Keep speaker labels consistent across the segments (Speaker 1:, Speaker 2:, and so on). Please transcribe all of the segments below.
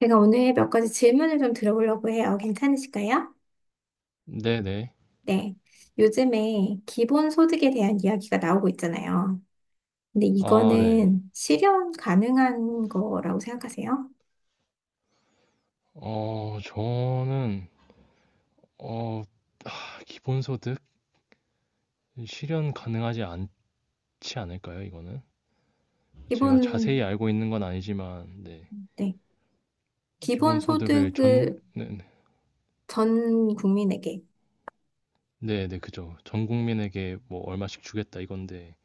Speaker 1: 제가 오늘 몇 가지 질문을 좀 들어보려고 해요. 괜찮으실까요?
Speaker 2: 네네.
Speaker 1: 네. 요즘에 기본소득에 대한 이야기가 나오고 있잖아요. 근데
Speaker 2: 아, 네.
Speaker 1: 이거는 실현 가능한 거라고 생각하세요?
Speaker 2: 저는, 어, 기본소득? 실현 가능하지 않지 않을까요, 이거는? 제가
Speaker 1: 기본,
Speaker 2: 자세히 알고 있는 건 아니지만, 네.
Speaker 1: 네.
Speaker 2: 기본소득을
Speaker 1: 기본소득을
Speaker 2: 전, 네네.
Speaker 1: 전 국민에게.
Speaker 2: 네네, 그죠. 전 국민에게 뭐 얼마씩 주겠다 이건데,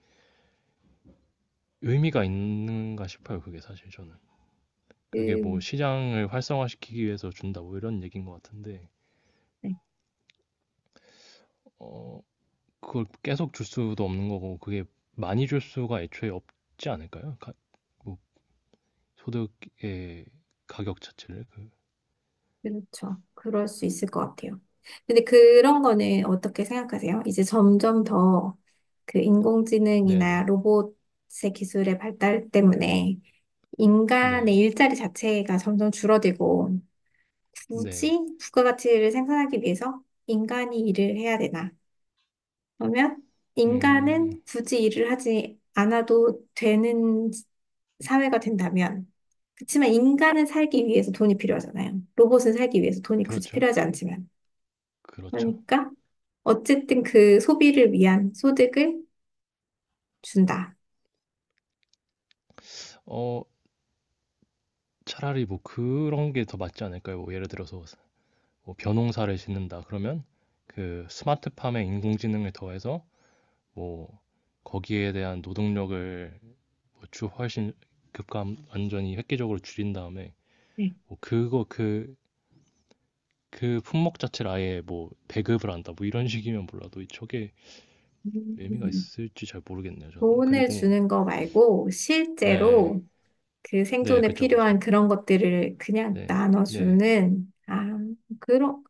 Speaker 2: 의미가 있는가 싶어요, 그게 사실 저는. 그게 뭐
Speaker 1: 그,
Speaker 2: 시장을 활성화시키기 위해서 준다, 뭐 이런 얘기인 것 같은데,
Speaker 1: 네.
Speaker 2: 어, 그걸 계속 줄 수도 없는 거고, 그게 많이 줄 수가 애초에 없지 않을까요? 뭐 소득의 가격 자체를 그
Speaker 1: 그렇죠. 그럴 수 있을 것 같아요. 근데 그런 거는 어떻게 생각하세요? 이제 점점 더 그 인공지능이나
Speaker 2: 네네.
Speaker 1: 로봇의 기술의 발달 때문에 인간의
Speaker 2: 네네.
Speaker 1: 일자리 자체가 점점 줄어들고 굳이 부가가치를 생산하기 위해서 인간이 일을 해야 되나? 그러면
Speaker 2: 네음.
Speaker 1: 인간은 굳이 일을 하지 않아도 되는 사회가 된다면 그렇지만 인간은 살기 위해서 돈이 필요하잖아요. 로봇은 살기 위해서 돈이 굳이
Speaker 2: 그렇죠.
Speaker 1: 필요하지 않지만
Speaker 2: 그렇죠.
Speaker 1: 그러니까 어쨌든 그 소비를 위한 소득을 준다.
Speaker 2: 어 차라리 뭐 그런 게 더 맞지 않을까요? 뭐 예를 들어서 뭐 벼농사를 짓는다 그러면 그 스마트팜에 인공지능을 더해서 뭐 거기에 대한 노동력을 뭐주 훨씬 급감 완전히 획기적으로 줄인 다음에
Speaker 1: 네.
Speaker 2: 뭐 그거 그 품목 자체를 아예 뭐 배급을 한다 뭐 이런 식이면 몰라도 저게 의미가
Speaker 1: 음.
Speaker 2: 있을지 잘 모르겠네요, 저는.
Speaker 1: 돈을
Speaker 2: 그리고,
Speaker 1: 주는 거 말고
Speaker 2: 네,
Speaker 1: 실제로 그
Speaker 2: 네,
Speaker 1: 생존에
Speaker 2: 그죠,
Speaker 1: 필요한
Speaker 2: 그죠.
Speaker 1: 그런 것들을 그냥
Speaker 2: 네, 네,
Speaker 1: 나눠주는, 아, 그런,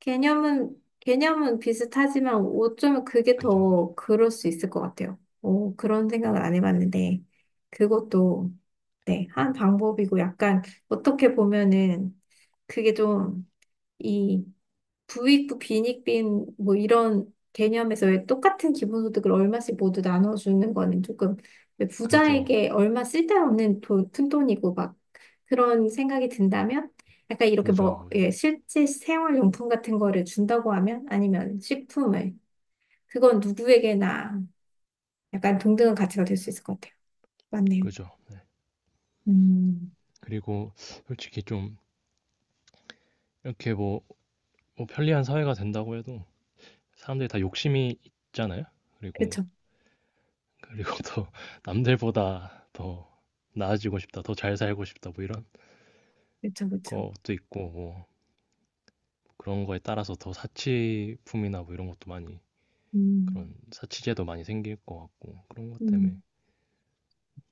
Speaker 1: 개념은 비슷하지만 어쩌면 그게
Speaker 2: 그죠, 그죠.
Speaker 1: 더 그럴 수 있을 것 같아요. 오, 그런
Speaker 2: 네,
Speaker 1: 생각을 안 해봤는데, 그것도, 네, 한 방법이고 약간 어떻게 보면은 그게 좀 이 부익부 빈익빈 뭐 이런 개념에서 왜 똑같은 기본소득을 얼마씩 모두 나눠주는 거는 조금 왜
Speaker 2: 그죠,
Speaker 1: 부자에게 얼마 쓸데없는 돈, 푼돈이고 막 그런 생각이 든다면 약간 이렇게
Speaker 2: 그죠,
Speaker 1: 뭐 예,
Speaker 2: 그죠.
Speaker 1: 실제 생활용품 같은 거를 준다고 하면 아니면 식품을 그건 누구에게나 약간 동등한 가치가 될 수 있을 것 같아요. 맞네요.
Speaker 2: 그죠. 네.
Speaker 1: 음,
Speaker 2: 그리고 솔직히 좀 이렇게 뭐 편리한 사회가 된다고 해도 사람들이 다 욕심이 있잖아요. 그리고,
Speaker 1: 그쵸,
Speaker 2: 그리고 더 남들보다 더 나아지고 싶다, 더 잘 살고 싶다, 뭐 이런
Speaker 1: 그쵸, 그쵸.
Speaker 2: 것도 있고, 뭐 그런 거에 따라서 더 사치품이나 뭐 이런 것도 많이,
Speaker 1: 음,
Speaker 2: 그런 사치제도 많이 생길 것 같고, 그런 것 때문에.
Speaker 1: 음.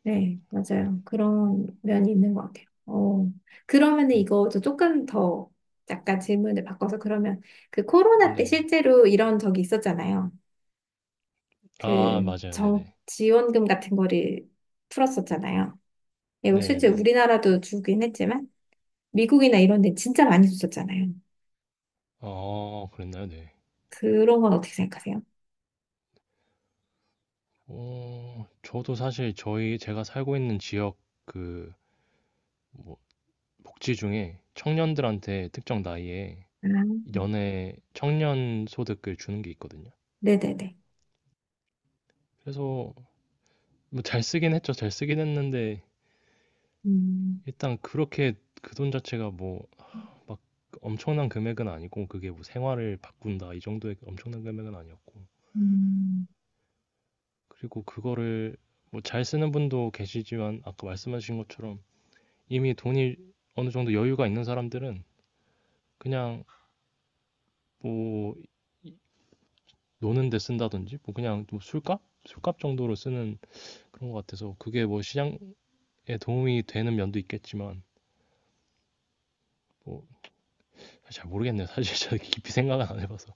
Speaker 1: 네,
Speaker 2: 뭐
Speaker 1: 맞아요. 그런 면이 있는 것 같아요. 어, 그러면은
Speaker 2: 네.
Speaker 1: 이거 저 조금 더 약간 질문을 바꿔서 그러면 그 코로나 때
Speaker 2: 네.
Speaker 1: 실제로 이런 적이 있었잖아요.
Speaker 2: 아
Speaker 1: 그
Speaker 2: 맞아요. 네네.
Speaker 1: 지원금 같은 거를 풀었었잖아요. 이거 실제
Speaker 2: 네네.
Speaker 1: 우리나라도 주긴 했지만 미국이나 이런 데 진짜 많이 줬었잖아요.
Speaker 2: 아 그랬나요? 네.
Speaker 1: 그런 건 어떻게 생각하세요?
Speaker 2: 저도 사실 저희 제가 살고 있는 지역 그 뭐 복지 중에 청년들한테 특정 나이에
Speaker 1: 아,
Speaker 2: 연애 청년 소득을 주는 게 있거든요.
Speaker 1: 네네네.
Speaker 2: 그래서 뭐 잘 쓰긴 했죠. 잘 쓰긴 했는데
Speaker 1: 음,
Speaker 2: 일단 그렇게 그 돈 자체가 뭐 막 엄청난 금액은 아니고 그게 뭐 생활을 바꾼다 이 정도의 엄청난 금액은 아니었고
Speaker 1: 음,
Speaker 2: 그리고 그거를 뭐 잘 쓰는 분도 계시지만 아까 말씀하신 것처럼 이미 돈이 어느 정도 여유가 있는 사람들은 그냥 뭐 노는 데 쓴다든지 뭐 그냥 뭐 술값? 술값 정도로 쓰는 그런 것 같아서 그게 뭐 시장에 도움이 되는 면도 있겠지만 뭐 잘 모르겠네요. 사실 제가 깊이 생각은 안 해봐서.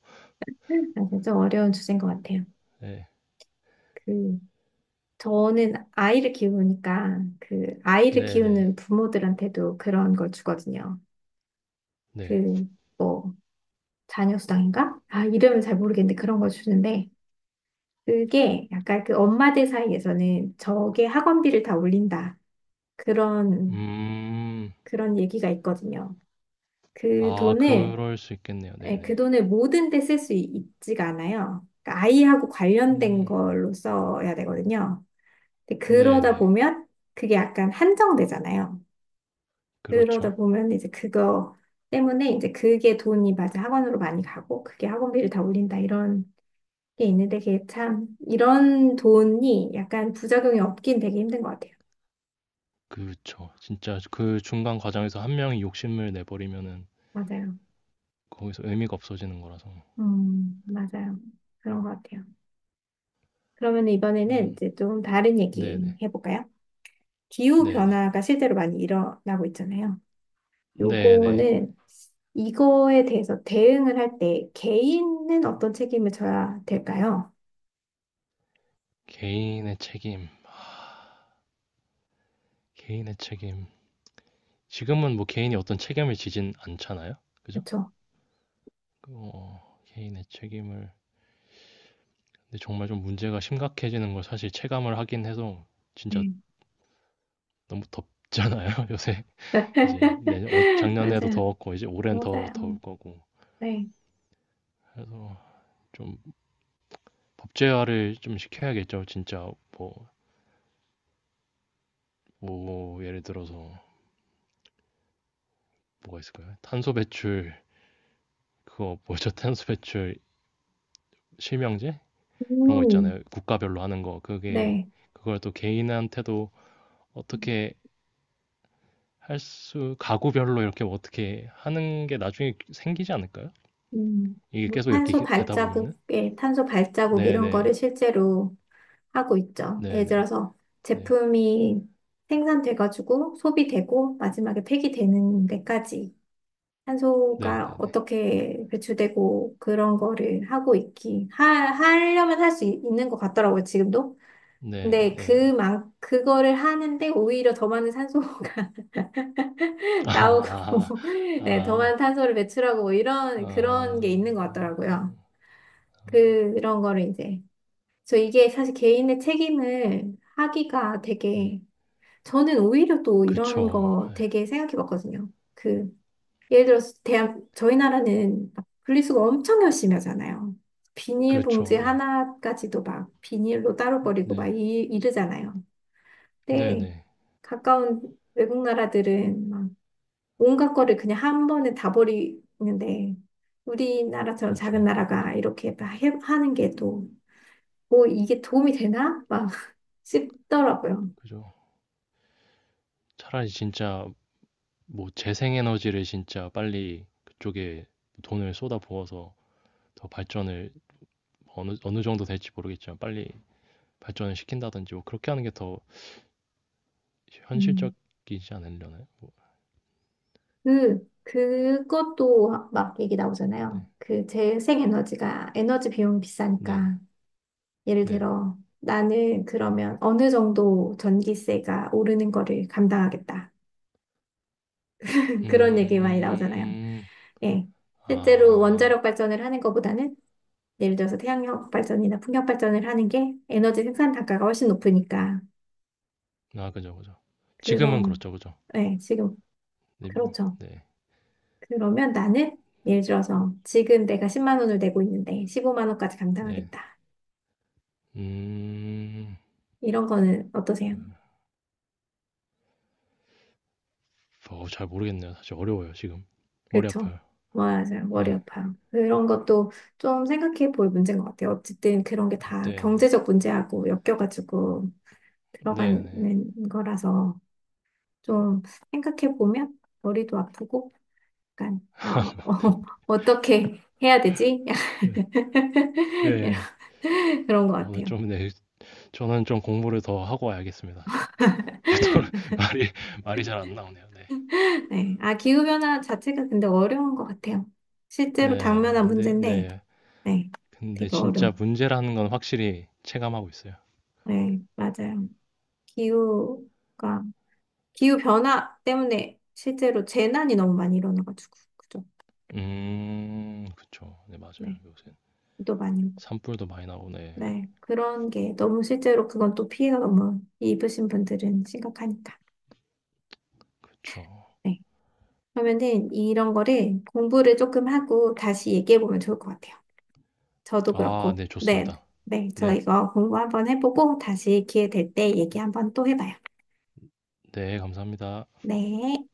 Speaker 1: 아, 좀 어려운 주제인 것 같아요.
Speaker 2: 네.
Speaker 1: 그, 저는 아이를 키우니까 그 아이를
Speaker 2: 네네. 네.
Speaker 1: 키우는 부모들한테도 그런 걸 주거든요.
Speaker 2: 네.
Speaker 1: 그 뭐 자녀 수당인가? 아 이름은 잘 모르겠는데 그런 걸 주는데 그게 약간 그 엄마들 사이에서는 저게 학원비를 다 올린다 그런
Speaker 2: 음.
Speaker 1: 그런 얘기가 있거든요. 그
Speaker 2: 아,
Speaker 1: 돈을
Speaker 2: 그럴 수 있겠네요.
Speaker 1: 예, 그
Speaker 2: 네네.
Speaker 1: 돈을 모든 데 쓸 수 있지가 않아요. 그러니까 아이하고 관련된
Speaker 2: 음.
Speaker 1: 걸로 써야 되거든요. 근데 그러다
Speaker 2: 네네.
Speaker 1: 보면 그게 약간 한정되잖아요.
Speaker 2: 그렇죠.
Speaker 1: 그러다 보면 이제 그거 때문에 이제 그게 돈이 맞아 학원으로 많이 가고 그게 학원비를 다 올린다 이런 게 있는데 그게 참 이런 돈이 약간 부작용이 없긴 되게 힘든 것 같아요.
Speaker 2: 그렇죠. 진짜 그 중간 과정에서 한 명이 욕심을 내버리면은
Speaker 1: 맞아요.
Speaker 2: 거기서 의미가 없어지는 거라서.
Speaker 1: 맞아요. 그런 것 같아요. 그러면 이번에는
Speaker 2: 그
Speaker 1: 이제 좀 다른 얘기
Speaker 2: 네네.
Speaker 1: 해볼까요? 기후
Speaker 2: 네네.
Speaker 1: 변화가 실제로 많이 일어나고 있잖아요.
Speaker 2: 네네.
Speaker 1: 요거는 이거에 대해서 대응을 할 때 개인은 어떤 책임을 져야 될까요?
Speaker 2: 개인의 책임, 개인의 책임. 지금은 뭐 개인이 어떤 책임을 지진 않잖아요. 그죠?
Speaker 1: 그렇죠.
Speaker 2: 그 개인의 책임을 근데 정말 좀 문제가 심각해지는 걸 사실 체감을 하긴 해서 진짜 너무 덥잖아요, 요새. 이제 내년 작년에도
Speaker 1: 맞아요.
Speaker 2: 더웠고 이제 올해는 더
Speaker 1: 맞아요.
Speaker 2: 더울 거고.
Speaker 1: 네.
Speaker 2: 그래서 좀 법제화를 좀 시켜야겠죠. 진짜 뭐, 뭐 예를 들어서 뭐가 있을까요? 탄소 배출 그거 뭐죠? 탄소 배출 실명제 그런 거
Speaker 1: 음,
Speaker 2: 있잖아요. 국가별로 하는 거 그게
Speaker 1: 네.
Speaker 2: 그걸 또 개인한테도 어떻게 할 수 가구별로 이렇게 뭐 어떻게 하는 게 나중에 생기지 않을까요?
Speaker 1: 음,
Speaker 2: 이게
Speaker 1: 뭐
Speaker 2: 계속 이렇게
Speaker 1: 탄소
Speaker 2: 되다 보면은
Speaker 1: 발자국, 예, 탄소 발자국 이런 거를
Speaker 2: 네네
Speaker 1: 실제로 하고 있죠. 예를
Speaker 2: 네네
Speaker 1: 들어서
Speaker 2: 네
Speaker 1: 제품이 생산돼가지고 소비되고 마지막에 폐기되는 데까지 탄소가
Speaker 2: 네네네
Speaker 1: 어떻게 배출되고 그런 거를 하고 있기, 하려면 할 수 있는 것 같더라고요, 지금도. 근데
Speaker 2: 네네네
Speaker 1: 그거를 하는데 오히려 더 많은 산소가 나오고
Speaker 2: 아아아아 아,
Speaker 1: 네, 더 많은
Speaker 2: 아,
Speaker 1: 탄소를 배출하고 뭐 이런 그런 게
Speaker 2: 아.
Speaker 1: 있는 것 같더라고요. 그런 거를 이제 저 이게 사실 개인의 책임을 하기가
Speaker 2: 네.
Speaker 1: 되게 저는 오히려 또 이런
Speaker 2: 그쵸.
Speaker 1: 거
Speaker 2: 예.
Speaker 1: 되게 생각해 봤거든요. 그 예를 들어서 대한 저희 나라는 막 분리수거 엄청 열심히 하잖아요.
Speaker 2: 그렇
Speaker 1: 비닐봉지
Speaker 2: 죠 네.
Speaker 1: 하나까지도 막 비닐로 따로 버리고 막
Speaker 2: 네.
Speaker 1: 이러잖아요. 근데
Speaker 2: 네네.
Speaker 1: 가까운 외국 나라들은 막 온갖 거를 그냥 한 번에 다 버리는데 우리나라처럼
Speaker 2: 그죠.
Speaker 1: 작은
Speaker 2: 렇
Speaker 1: 나라가 이렇게 막 하는 게 또 뭐 이게 도움이 되나? 막 싶더라고요.
Speaker 2: 그죠. 차라리 진짜 뭐 재생에너지를 진짜 빨리 그쪽에 돈을 쏟아부어서 더 발전을 뭐 어느 정도 될지 모르겠지만 빨리 발전을 시킨다든지 뭐 그렇게 하는 게 더
Speaker 1: 음.
Speaker 2: 현실적이지 않으려나요?
Speaker 1: 그것도 막 얘기 나오잖아요.
Speaker 2: 네.
Speaker 1: 그 재생에너지가 에너지 비용이
Speaker 2: 네.
Speaker 1: 비싸니까 예를
Speaker 2: 네. 네.
Speaker 1: 들어 나는 그러면 어느 정도 전기세가 오르는 거를 감당하겠다. 그런 얘기 많이 나오잖아요.
Speaker 2: 음.
Speaker 1: 예. 실제로
Speaker 2: 아.
Speaker 1: 원자력 발전을 하는 것보다는 예를 들어서 태양력 발전이나 풍력 발전을 하는 게 에너지 생산 단가가 훨씬 높으니까.
Speaker 2: 아 그죠, 그죠. 지금은
Speaker 1: 그럼,
Speaker 2: 그렇죠. 그죠.
Speaker 1: 네, 지금,
Speaker 2: 네.
Speaker 1: 그렇죠.
Speaker 2: 네.
Speaker 1: 그러면 나는 예를 들어서 지금 내가 10만 원을 내고 있는데 15만 원까지
Speaker 2: 네.
Speaker 1: 감당하겠다.
Speaker 2: 음.
Speaker 1: 이런 거는 어떠세요?
Speaker 2: 잘 모르겠네요. 사실 어려워요, 지금. 머리
Speaker 1: 그렇죠.
Speaker 2: 아파요.
Speaker 1: 맞아요. 머리
Speaker 2: 네.
Speaker 1: 아파요. 그런 것도 좀 생각해 볼 문제인 것 같아요. 어쨌든 그런 게 다
Speaker 2: 네네.
Speaker 1: 경제적 문제하고 엮여가지고
Speaker 2: 네네.
Speaker 1: 들어가는 거라서 좀 생각해 보면 머리도 아프고 약간, 아, 어, 어, 떻게 해야 되지?
Speaker 2: 예.
Speaker 1: 이런,
Speaker 2: 예.
Speaker 1: 그런 것
Speaker 2: 오늘
Speaker 1: 같아요.
Speaker 2: 좀 네. 저는 좀 공부를 더 하고 와야겠습니다 지금. 또 말이 말이 잘 안 나오네요. 네.
Speaker 1: 네. 아, 기후변화 자체가 근데 어려운 것 같아요. 실제로
Speaker 2: 네. 아
Speaker 1: 당면한
Speaker 2: 근데
Speaker 1: 문제인데,
Speaker 2: 네.
Speaker 1: 네.
Speaker 2: 근데
Speaker 1: 되게 어려워.
Speaker 2: 진짜 문제라는 건 확실히 체감하고 있어요.
Speaker 1: 네, 맞아요. 기후가, 기후변화 때문에 실제로 재난이 너무 많이 일어나가지고, 그죠?
Speaker 2: 음. 그쵸. 네 맞아요.
Speaker 1: 네. 또 많이 오고.
Speaker 2: 산불도 많이 나오 네.
Speaker 1: 네. 그런 게 너무 실제로 그건 또 피해가 너무 입으신 분들은 심각하니까.
Speaker 2: 그쵸.
Speaker 1: 네. 그러면은 이런 거를 공부를 조금 하고 다시 얘기해 보면 좋을 것 같아요. 저도
Speaker 2: 아
Speaker 1: 그렇고.
Speaker 2: 네
Speaker 1: 네.
Speaker 2: 좋습니다.
Speaker 1: 네. 저
Speaker 2: 네.
Speaker 1: 이거 공부 한번 해보고 다시 기회 될 때 얘기 한번 또 해봐요.
Speaker 2: 네 감사합니다.
Speaker 1: 네.